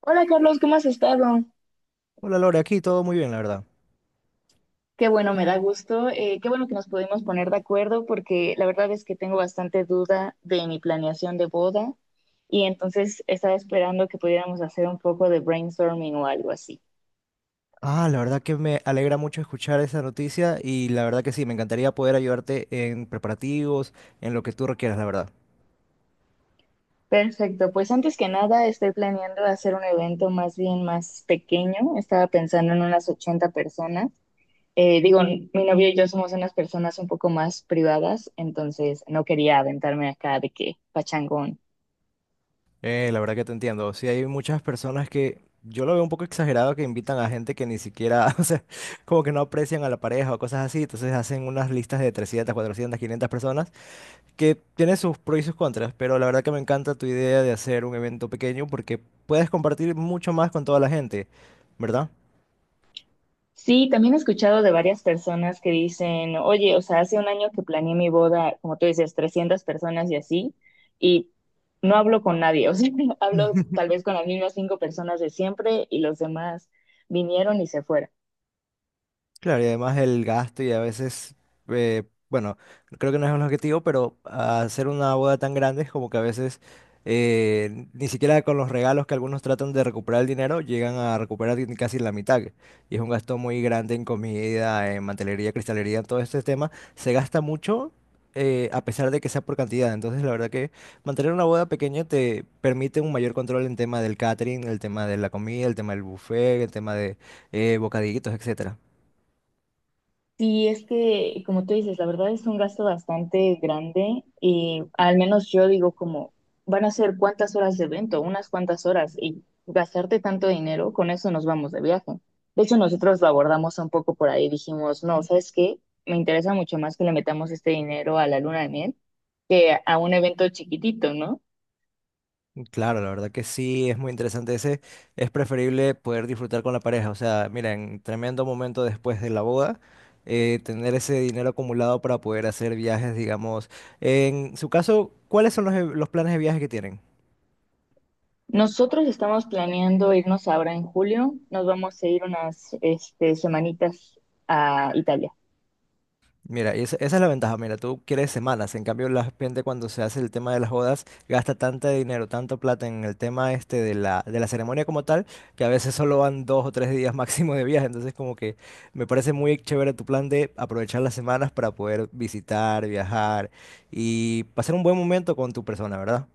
Hola Carlos, ¿cómo has estado? Hola Lore, aquí todo muy bien, la verdad. Qué bueno, me da gusto. Qué bueno que nos pudimos poner de acuerdo porque la verdad es que tengo bastante duda de mi planeación de boda y entonces estaba esperando que pudiéramos hacer un poco de brainstorming o algo así. La verdad que me alegra mucho escuchar esa noticia y la verdad que sí, me encantaría poder ayudarte en preparativos, en lo que tú requieras, la verdad. Perfecto, pues antes que nada estoy planeando hacer un evento más bien más pequeño. Estaba pensando en unas 80 personas. Digo, mi novio y yo somos unas personas un poco más privadas, entonces no quería aventarme acá de que pachangón. La verdad que te entiendo. Sí, hay muchas personas que yo lo veo un poco exagerado que invitan a gente que ni siquiera, o sea, como que no aprecian a la pareja o cosas así, entonces hacen unas listas de 300, 400, 500 personas que tienen sus pros y sus contras, pero la verdad que me encanta tu idea de hacer un evento pequeño porque puedes compartir mucho más con toda la gente, ¿verdad? Sí, también he escuchado de varias personas que dicen, oye, o sea, hace un año que planeé mi boda, como tú dices, 300 personas y así, y no hablo con nadie, o sea, hablo tal vez con las mismas cinco personas de siempre y los demás vinieron y se fueron. Claro, y además el gasto y a veces, eh, bueno, creo que no es un objetivo, pero hacer una boda tan grande es como que a veces ni siquiera con los regalos que algunos tratan de recuperar el dinero, llegan a recuperar ni casi la mitad. Y es un gasto muy grande en comida, en mantelería, cristalería, en todo este tema. Se gasta mucho a pesar de que sea por cantidad. Entonces, la verdad que mantener una boda pequeña te permite un mayor control en tema del catering, el tema de la comida, el tema del buffet, el tema de bocadillitos, etc. Sí, es que, como tú dices, la verdad es un gasto bastante grande y al menos yo digo como, van a ser cuántas horas de evento, unas cuantas horas y gastarte tanto dinero, con eso nos vamos de viaje. De hecho, nosotros lo abordamos un poco por ahí, dijimos, no, ¿sabes qué? Me interesa mucho más que le metamos este dinero a la luna de miel que a un evento chiquitito, ¿no? Claro, la verdad que sí, es muy interesante ese. Es preferible poder disfrutar con la pareja. O sea, miren, tremendo momento después de la boda, tener ese dinero acumulado para poder hacer viajes, digamos. En su caso, ¿cuáles son los, los planes de viaje que tienen? Nosotros estamos planeando irnos ahora en julio, nos vamos a ir unas, este, semanitas a Italia. Mira, y esa es la ventaja. Mira, tú quieres semanas. En cambio, la gente cuando se hace el tema de las bodas gasta tanto dinero, tanto plata en el tema este de la ceremonia como tal, que a veces solo van dos o tres días máximo de viaje. Entonces, como que me parece muy chévere tu plan de aprovechar las semanas para poder visitar, viajar y pasar un buen momento con tu persona, ¿verdad?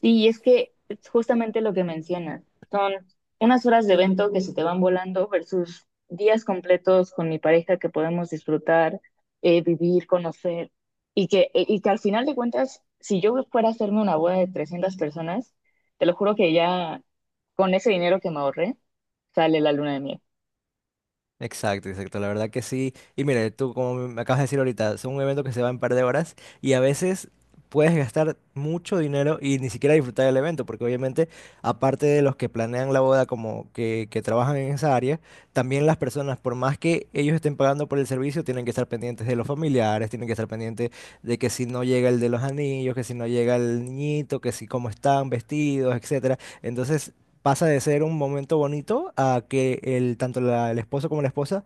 Sí, es que es justamente lo que mencionas, son unas horas de evento que se te van volando versus días completos con mi pareja que podemos disfrutar, vivir, conocer, y que al final de cuentas, si yo fuera a hacerme una boda de 300 personas, te lo juro que ya con ese dinero que me ahorré, sale la luna de miel. Exacto, exacto, la verdad que sí. Y mire, tú como me acabas de decir ahorita, es un evento que se va en un par de horas y a veces puedes gastar mucho dinero y ni siquiera disfrutar del evento, porque obviamente aparte de los que planean la boda como que trabajan en esa área, también las personas, por más que ellos estén pagando por el servicio, tienen que estar pendientes de los familiares, tienen que estar pendientes de que si no llega el de los anillos, que si no llega el niñito, que si cómo están vestidos, etcétera. Entonces pasa de ser un momento bonito a que el, tanto el esposo como la esposa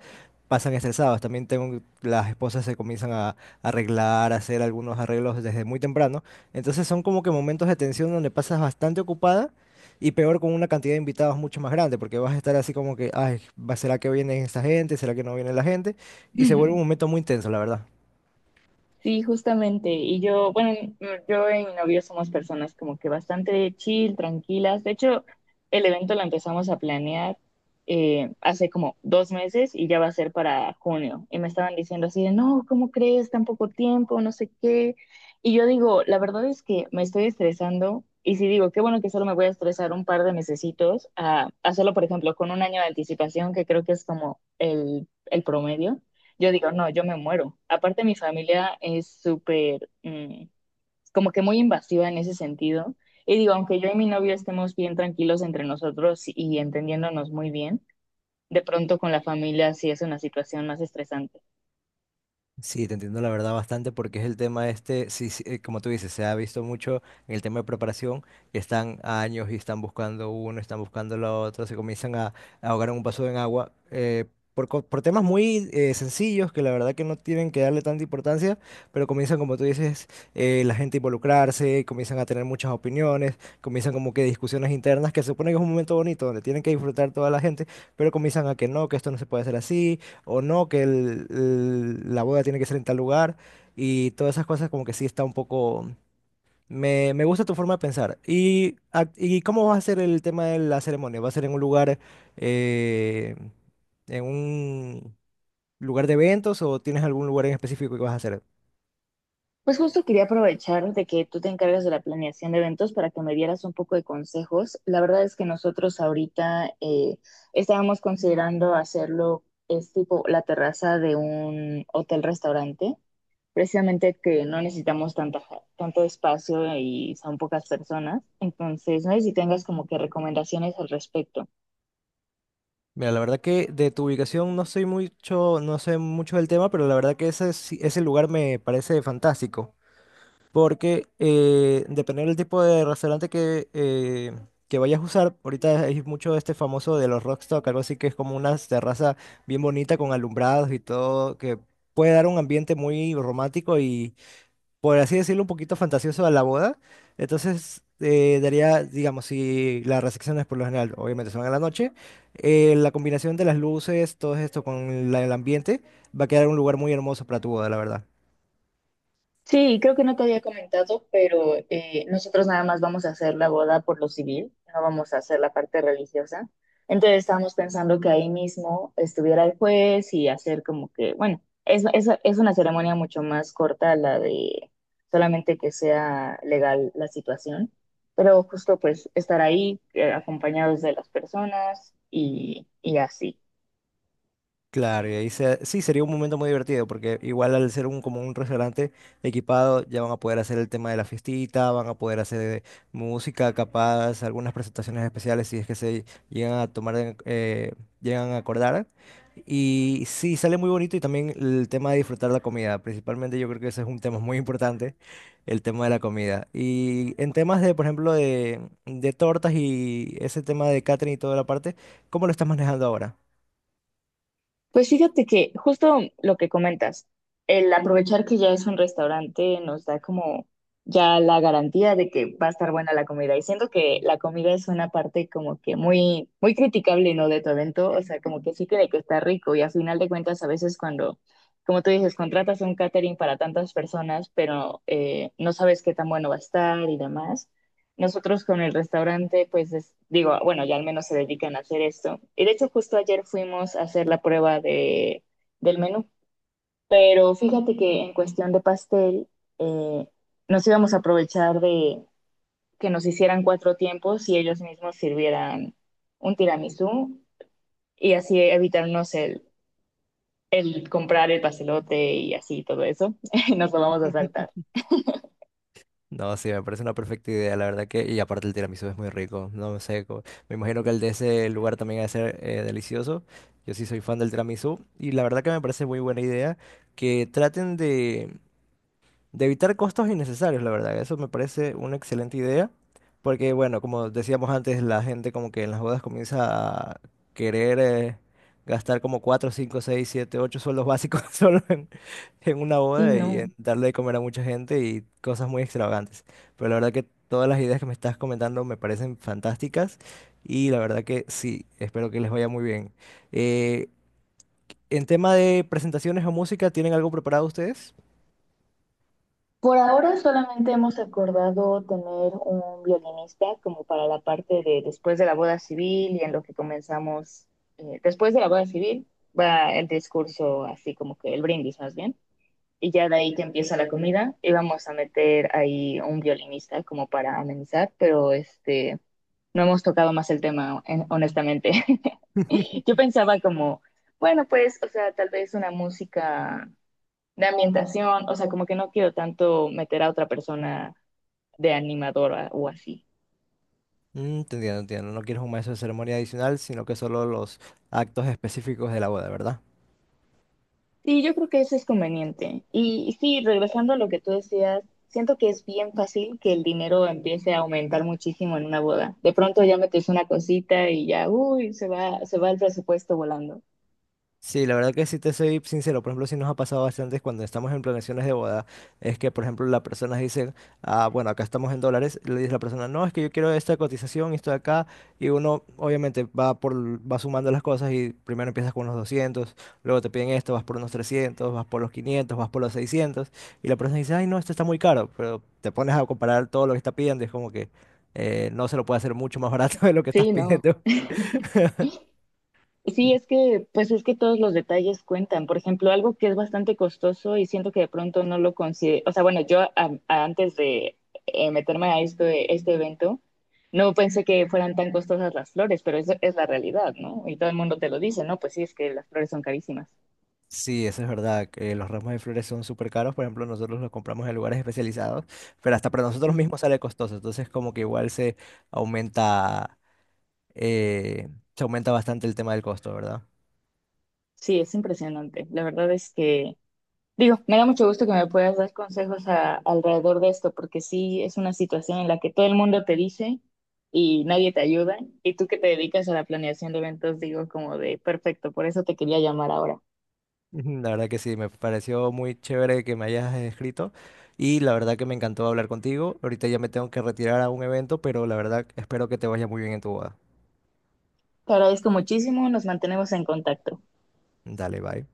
pasan estresados. También tengo, las esposas se comienzan a, arreglar, a hacer algunos arreglos desde muy temprano. Entonces son como que momentos de tensión donde pasas bastante ocupada y peor con una cantidad de invitados mucho más grande, porque vas a estar así como que, ay, ¿será que viene esta gente? ¿Será que no viene la gente? Y se vuelve un momento muy intenso, la verdad. Sí, justamente. Bueno, yo y mi novio somos personas como que bastante chill, tranquilas. De hecho, el evento lo empezamos a planear hace como 2 meses y ya va a ser para junio. Y me estaban diciendo así de, no, ¿cómo crees? Tan poco tiempo, no sé qué. Y yo digo, la verdad es que me estoy estresando. Y si digo, qué bueno que solo me voy a estresar un par de mesecitos a hacerlo, por ejemplo, con un año de anticipación, que creo que es como el promedio. Yo digo, no, yo me muero. Aparte, mi familia es súper, como que muy invasiva en ese sentido. Y digo, aunque yo y mi novio estemos bien tranquilos entre nosotros y entendiéndonos muy bien, de pronto con la familia sí es una situación más estresante. Sí, te entiendo la verdad bastante porque es el tema este, sí, sí, como tú dices, se ha visto mucho en el tema de preparación, que están a años y están buscando uno, están buscando lo otro, se comienzan a ahogar en un vaso de agua por, por temas muy sencillos que la verdad que no tienen que darle tanta importancia, pero comienzan, como tú dices, la gente a involucrarse, comienzan a tener muchas opiniones, comienzan como que discusiones internas, que se supone que es un momento bonito donde tienen que disfrutar toda la gente, pero comienzan a que no, que esto no se puede hacer así o no, que la boda tiene que ser en tal lugar y todas esas cosas como que sí está un poco... Me gusta tu forma de pensar. ¿Y, y cómo va a ser el tema de la ceremonia? ¿Va a ser eh, en un lugar de eventos o tienes algún lugar en específico que vas a hacer? Pues justo quería aprovechar de que tú te encargas de la planeación de eventos para que me dieras un poco de consejos. La verdad es que nosotros ahorita estábamos considerando hacerlo, es tipo la terraza de un hotel-restaurante precisamente que no necesitamos tanta, tanto espacio y son pocas personas. Entonces, no sé si tengas como que recomendaciones al respecto. Mira, la verdad que de tu ubicación no soy mucho, no sé mucho del tema, pero la verdad que ese, ese lugar me parece fantástico. Porque dependiendo del tipo de restaurante que vayas a usar, ahorita hay mucho este famoso de los Rockstock, algo así que es como una terraza bien bonita con alumbrados y todo, que puede dar un ambiente muy romántico y, por así decirlo, un poquito fantasioso a la boda. Entonces, daría, digamos, si las recepciones por lo general, obviamente son en la noche, la combinación de las luces, todo esto con el ambiente, va a quedar un lugar muy hermoso para tu boda, la verdad. Sí, creo que no te había comentado, pero nosotros nada más vamos a hacer la boda por lo civil, no vamos a hacer la parte religiosa. Entonces estábamos pensando que ahí mismo estuviera el juez y hacer como que, bueno, es una ceremonia mucho más corta la de solamente que sea legal la situación, pero justo pues estar ahí acompañados de las personas y así. Claro, y ahí sí sería un momento muy divertido, porque igual al ser un como un restaurante equipado, ya van a poder hacer el tema de la fiestita, van a poder hacer música, capaz, algunas presentaciones especiales si es que se llegan a tomar, llegan a acordar. Y sí, sale muy bonito y también el tema de disfrutar la comida. Principalmente yo creo que ese es un tema muy importante, el tema de la comida. Y en temas de, por ejemplo, de tortas y ese tema de catering y toda la parte, ¿cómo lo estás manejando ahora? Pues fíjate que justo lo que comentas, el aprovechar que ya es un restaurante nos da como ya la garantía de que va a estar buena la comida. Y siento que la comida es una parte como que muy, muy criticable, ¿no? De tu evento. O sea, como que sí cree que está rico. Y a final de cuentas, a veces cuando, como tú dices, contratas un catering para tantas personas, pero no sabes qué tan bueno va a estar y demás. Nosotros con el restaurante, pues digo, bueno, ya al menos se dedican a hacer esto. Y de hecho, justo ayer fuimos a hacer la prueba del menú. Pero fíjate que en cuestión de pastel, eh, nos íbamos a aprovechar de que nos hicieran cuatro tiempos y ellos mismos sirvieran un tiramisú y así evitarnos el comprar el pastelote y así todo eso. Nos lo vamos a saltar. No, sí, me parece una perfecta idea, la verdad que, y aparte el tiramisú es muy rico, no sé, me imagino que el de ese lugar también va a ser delicioso, yo sí soy fan del tiramisú, y la verdad que me parece muy buena idea que traten de evitar costos innecesarios, la verdad. Eso me parece una excelente idea, porque bueno, como decíamos antes, la gente como que en las bodas comienza a querer gastar como 4, 5, 6, 7, 8 sueldos básicos solo en una Sí, boda y en no. darle de comer a mucha gente y cosas muy extravagantes. Pero la verdad que todas las ideas que me estás comentando me parecen fantásticas y la verdad que sí, espero que les vaya muy bien. Eh, en tema de presentaciones o música, ¿tienen algo preparado ustedes? Por ahora solamente hemos acordado tener un violinista como para la parte de después de la boda civil y en lo que comenzamos, después de la boda civil va el discurso así como que el brindis más bien, y ya de ahí que empieza la comida y vamos a meter ahí un violinista como para amenizar, pero este, no hemos tocado más el tema honestamente. Yo pensaba como, bueno, pues, o sea, tal vez una música de ambientación, o sea, como que no quiero tanto meter a otra persona de animadora o así. Mm, te entiendo, entiendo. No quieres un maestro de ceremonia adicional, sino que solo los actos específicos de la boda, ¿verdad? Sí, yo creo que eso es conveniente. Y, sí, regresando a lo que tú decías, siento que es bien fácil que el dinero empiece a aumentar muchísimo en una boda. De pronto ya metes una cosita y ya, uy, se va el presupuesto volando. Sí, la verdad que si te soy sincero, por ejemplo, sí nos ha pasado bastante cuando estamos en planeaciones de boda, es que, por ejemplo, las personas dicen, ah, bueno, acá estamos en dólares, le dice la persona, no, es que yo quiero esta cotización y esto de acá, y uno obviamente va por, va sumando las cosas y primero empiezas con unos 200, luego te piden esto, vas por unos 300, vas por los 500, vas por los 600, y la persona dice, ay, no, esto está muy caro, pero te pones a comparar todo lo que está pidiendo, y es como que no se lo puede hacer mucho más barato de lo que estás Sí, no. pidiendo. Sí, es que, pues es que todos los detalles cuentan. Por ejemplo, algo que es bastante costoso y siento que de pronto no lo considero. O sea, bueno, yo antes de meterme a esto, este evento, no pensé que fueran tan costosas las flores, pero eso es la realidad, ¿no? Y todo el mundo te lo dice, ¿no? Pues sí, es que las flores son carísimas. Sí, eso es verdad, que los ramos de flores son súper caros, por ejemplo, nosotros los compramos en lugares especializados, pero hasta para nosotros Y mismos sale costoso, entonces como que igual aumenta, eh, se aumenta bastante el tema del costo, ¿verdad? sí, es impresionante. La verdad es que Digo, me da mucho gusto que me puedas dar consejos alrededor de esto, porque sí es una situación en la que todo el mundo te dice y nadie te ayuda, y tú que te dedicas a la planeación de eventos, digo como de perfecto, por eso te quería llamar ahora. Ujú, la verdad que sí, me pareció muy chévere que me hayas escrito y la verdad que me encantó hablar contigo. Ahorita ya me tengo que retirar a un evento, pero la verdad espero que te vaya muy bien en tu boda. Te agradezco muchísimo, nos mantenemos en contacto. Dale, bye.